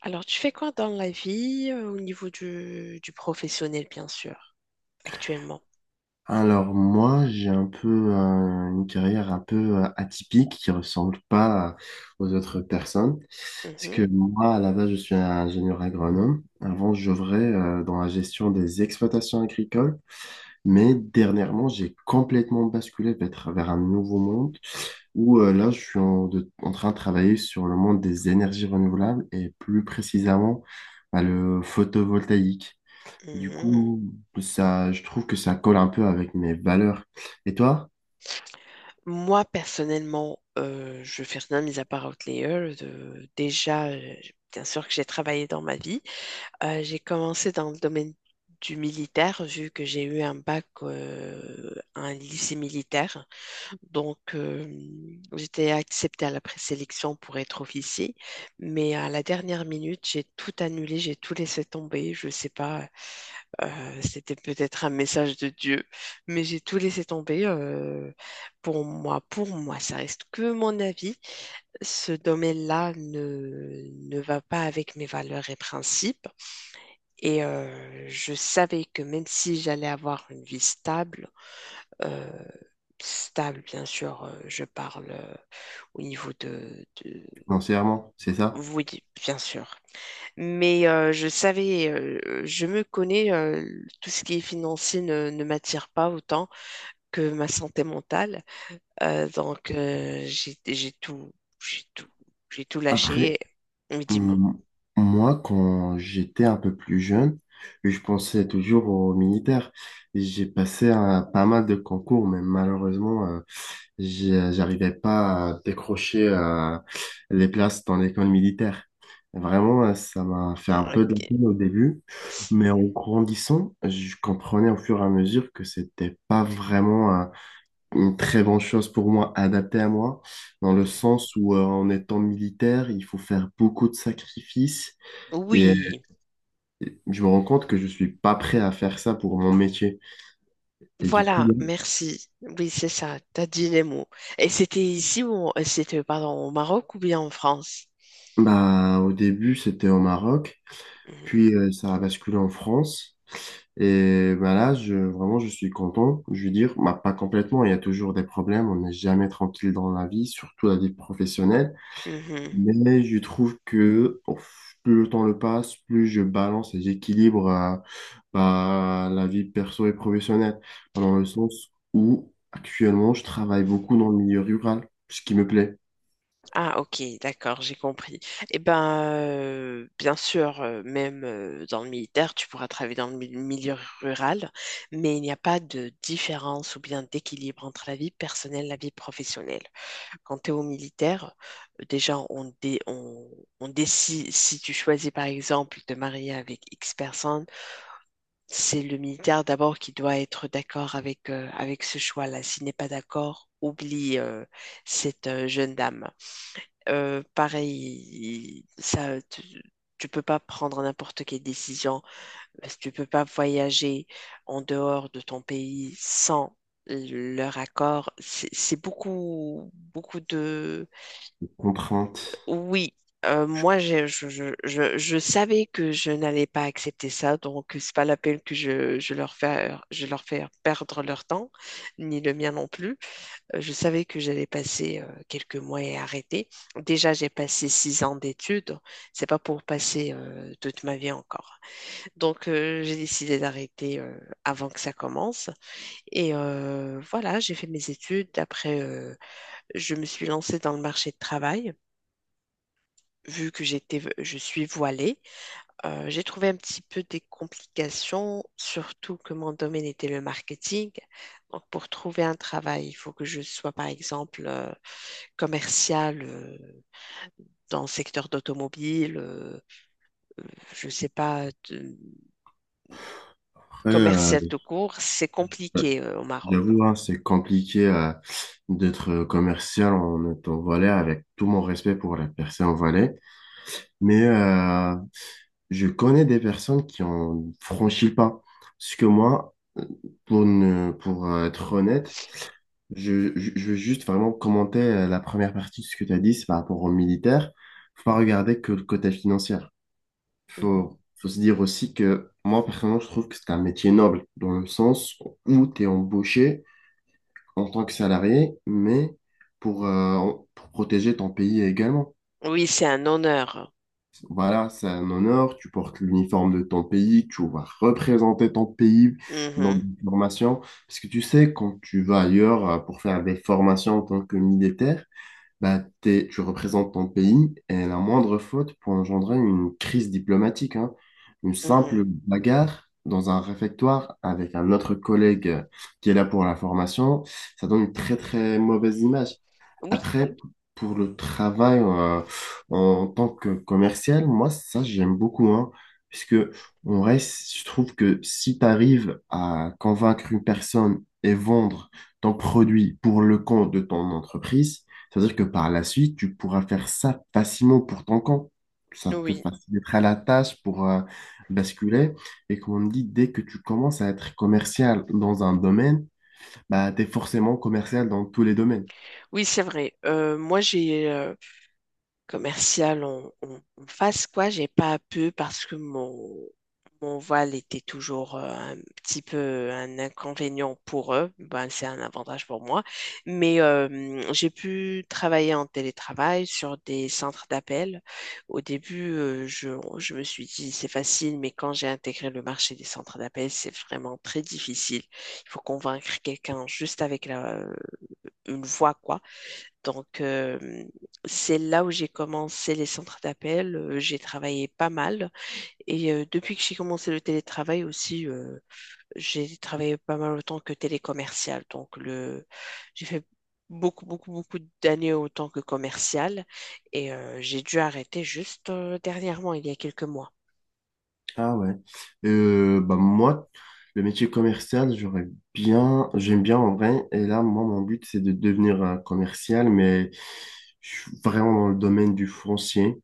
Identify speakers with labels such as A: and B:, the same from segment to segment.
A: Alors, tu fais quoi dans la vie au niveau du professionnel, bien sûr, actuellement?
B: Alors moi, j'ai un peu une carrière un peu atypique qui ressemble pas aux autres personnes. Parce
A: Mhm,
B: que moi, à la base, je suis un ingénieur agronome. Avant, j'œuvrais dans la gestion des exploitations agricoles, mais dernièrement, j'ai complètement basculé vers un nouveau monde où là, je suis en train de travailler sur le monde des énergies renouvelables et plus précisément bah, le photovoltaïque. Du
A: mhm.
B: coup, ça, je trouve que ça colle un peu avec mes valeurs. Et toi,
A: Moi, personnellement, je fais rien mis à part Outlier. Déjà, bien sûr que j'ai travaillé dans ma vie. J'ai commencé dans le domaine du militaire, vu que j'ai eu un bac à un lycée militaire. Donc, j'étais acceptée à la présélection pour être officier, mais à la dernière minute, j'ai tout annulé, j'ai tout laissé tomber. Je sais pas, c'était peut-être un message de Dieu, mais j'ai tout laissé tomber. Pour moi, pour moi, ça reste que mon avis. Ce domaine-là ne va pas avec mes valeurs et principes. Et je savais que même si j'allais avoir une vie stable, euh, stable, bien sûr. Je parle au niveau de.
B: financièrement, c'est ça?
A: Oui, bien sûr. Mais je savais, je me connais, tout ce qui est financier ne m'attire pas autant que ma santé mentale. Donc, j'ai j'ai tout, j'ai tout
B: Après,
A: lâché. Mais dis-moi.
B: M- Moi, quand j'étais un peu plus jeune, je pensais toujours aux militaires. J'ai passé pas mal de concours, mais malheureusement, j'arrivais pas à décrocher les places dans l'école militaire. Vraiment, ça m'a fait un peu de la
A: Ok.
B: peine au début, mais en grandissant, je comprenais au fur et à mesure que c'était pas vraiment une très bonne chose pour moi, adaptée à moi, dans le sens où en étant militaire, il faut faire beaucoup de sacrifices et
A: Oui,
B: je me rends compte que je suis pas prêt à faire ça pour mon métier. Et du
A: voilà,
B: coup,
A: merci. Oui, c'est ça, t'as dit les mots. Et c'était ici ou c'était, pardon, au Maroc ou bien en France?
B: bah, au début, c'était au Maroc,
A: Mhm,
B: puis ça a basculé en France. Et bah là, je, vraiment, je suis content. Je veux dire, bah, pas complètement, il y a toujours des problèmes, on n'est jamais tranquille dans la vie, surtout la vie professionnelle.
A: mhm.
B: Mais je trouve que oh, plus le temps le passe, plus je balance et j'équilibre bah, la vie perso et professionnelle. Dans le sens où actuellement je travaille beaucoup dans le milieu rural, ce qui me plaît.
A: Ah, ok, d'accord, j'ai compris. Eh ben, bien sûr, même dans le militaire, tu pourras travailler dans le milieu rural, mais il n'y a pas de différence ou bien d'équilibre entre la vie personnelle et la vie professionnelle. Quand tu es au militaire, déjà, on décide, si tu choisis par exemple de te marier avec X personnes, c'est le militaire d'abord qui doit être d'accord avec, avec ce choix-là. S'il n'est pas d'accord, oublie cette jeune dame. Pareil, tu peux pas prendre n'importe quelle décision, parce que tu peux pas voyager en dehors de ton pays sans leur accord. C'est beaucoup, beaucoup de...
B: Contrainte.
A: Oui. Moi, je savais que je n'allais pas accepter ça, donc c'est pas la peine que je leur je leur fais perdre leur temps, ni le mien non plus. Je savais que j'allais passer quelques mois et arrêter. Déjà, j'ai passé 6 ans d'études. C'est pas pour passer toute ma vie encore. Donc, j'ai décidé d'arrêter avant que ça commence. Et voilà, j'ai fait mes études. Après, je me suis lancée dans le marché de travail. Vu que je suis voilée, j'ai trouvé un petit peu des complications, surtout que mon domaine était le marketing. Donc, pour trouver un travail, il faut que je sois, par exemple, commercial dans le secteur d'automobile, euh, je ne sais pas,
B: Après,
A: commercial tout court, c'est compliqué au Maroc.
B: j'avoue, hein, c'est compliqué d'être commercial en étant Valais, avec tout mon respect pour les personnes en Valais. Mais je connais des personnes qui ont franchi le pas. Parce que moi, pour, ne, pour être honnête, je veux juste vraiment commenter la première partie de ce que tu as dit, c'est par rapport aux militaires. Faut pas regarder que le côté financier.
A: Mhm.
B: Faut se dire aussi que moi, personnellement, je trouve que c'est un métier noble, dans le sens où tu es embauché en tant que salarié, mais pour protéger ton pays également.
A: Oui, c'est un honneur.
B: Voilà, c'est un honneur. Tu portes l'uniforme de ton pays, tu vas représenter ton pays dans
A: Mhm,
B: des formations. Parce que tu sais, quand tu vas ailleurs pour faire des formations en tant que militaire, bah, tu représentes ton pays et la moindre faute peut engendrer une crise diplomatique, hein. Une simple
A: mhm.
B: bagarre dans un réfectoire avec un autre collègue qui est là pour la formation, ça donne une très très mauvaise image.
A: Oui,
B: Après, pour le travail en tant que commercial, moi, ça, j'aime beaucoup, hein, puisque on reste, je trouve que si tu arrives à convaincre une personne et vendre ton produit pour le compte de ton entreprise, c'est-à-dire que par la suite, tu pourras faire ça facilement pour ton compte. Ça te
A: oui,
B: facilitera la tâche pour basculer. Et comme on dit, dès que tu commences à être commercial dans un domaine, bah, tu es forcément commercial dans tous les domaines.
A: oui, c'est vrai. Moi, j'ai commercial, on fasse quoi? J'ai pas pu parce que mon voile était toujours un petit peu un inconvénient pour eux. Ben, c'est un avantage pour moi. Mais j'ai pu travailler en télétravail sur des centres d'appel. Au début, je me suis dit c'est facile, mais quand j'ai intégré le marché des centres d'appel, c'est vraiment très difficile. Il faut convaincre quelqu'un juste avec une voix, quoi. Donc, c'est là où j'ai commencé les centres d'appel. J'ai travaillé pas mal. Et depuis que j'ai commencé le télétravail aussi, j'ai travaillé pas mal autant que télécommercial. Donc, le... j'ai fait beaucoup, beaucoup, beaucoup d'années autant que commercial. Et j'ai dû arrêter juste dernièrement, il y a quelques mois.
B: Ah ouais. Bah moi, le métier commercial, j'aime bien en vrai. Et là, moi, mon but, c'est de devenir commercial, mais je suis vraiment dans le domaine du foncier.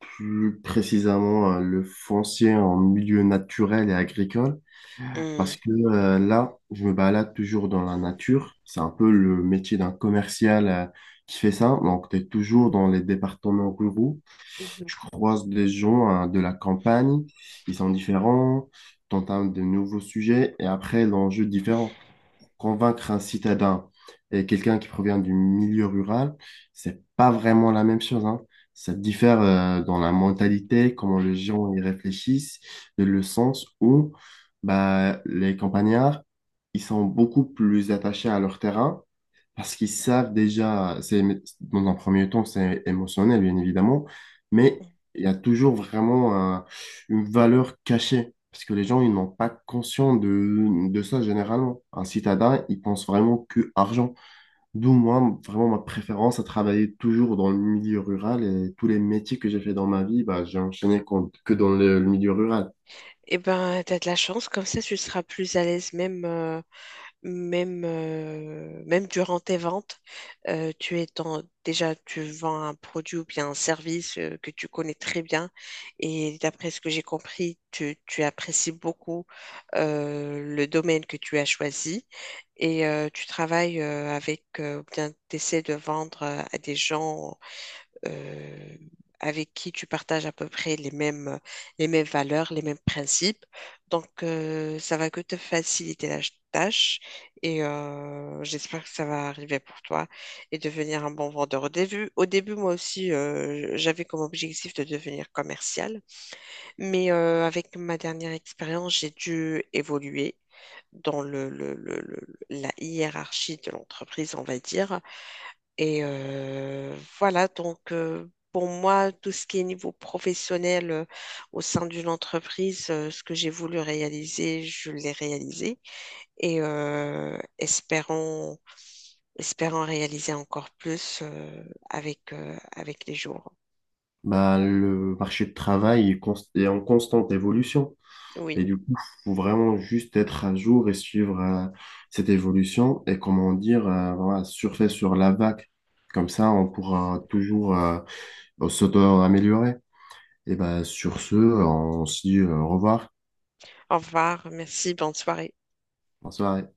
B: Plus précisément, le foncier en milieu naturel et agricole. Parce
A: Hum.
B: que là, je me balade toujours dans la nature. C'est un peu le métier d'un commercial qui fait ça. Donc, tu es toujours dans les départements ruraux.
A: Mhm.
B: Tu croises des gens hein, de la campagne. Ils sont différents. Tu entames de nouveaux sujets. Et après, l'enjeu est différent, convaincre un citadin et quelqu'un qui provient du milieu rural, c'est pas vraiment la même chose, hein. Ça diffère dans la mentalité, comment les gens y réfléchissent, et le sens où bah, les campagnards, ils sont beaucoup plus attachés à leur terrain parce qu'ils savent déjà, dans un premier temps, c'est émotionnel, bien évidemment, mais il y a toujours vraiment une valeur cachée. Parce que les gens, ils n'ont pas conscience de ça généralement. Un citadin, il pense vraiment que argent. D'où moi, vraiment ma préférence à travailler toujours dans le milieu rural et tous les métiers que j'ai fait dans ma vie, bah, j'ai enchaîné que dans le milieu rural.
A: Eh ben, t'as de la chance, comme ça tu seras plus à l'aise même même, même durant tes ventes, tu es déjà, tu vends un produit ou bien un service que tu connais très bien. Et d'après ce que j'ai compris, tu apprécies beaucoup le domaine que tu as choisi. Et tu travailles avec, ou bien tu essaies de vendre à des gens euh, avec qui tu partages à peu près les mêmes valeurs, les mêmes principes. Donc, ça va que te faciliter la tâche et j'espère que ça va arriver pour toi et devenir un bon vendeur. Au début moi aussi, j'avais comme objectif de devenir commercial, mais avec ma dernière expérience, j'ai dû évoluer dans la hiérarchie de l'entreprise, on va dire. Et voilà, donc pour moi, tout ce qui est niveau professionnel au sein d'une entreprise, ce que j'ai voulu réaliser, je l'ai réalisé. Et espérons, espérons réaliser encore plus avec, avec les jours.
B: Bah, le marché de travail est est en constante évolution. Et
A: Oui,
B: du coup, faut vraiment juste être à jour et suivre cette évolution et comment dire, voilà, surfer sur la vague. Comme ça, on pourra toujours s'auto-améliorer. Et ben sur ce, on se dit au revoir.
A: au revoir, merci, bonne soirée.
B: Bonsoir.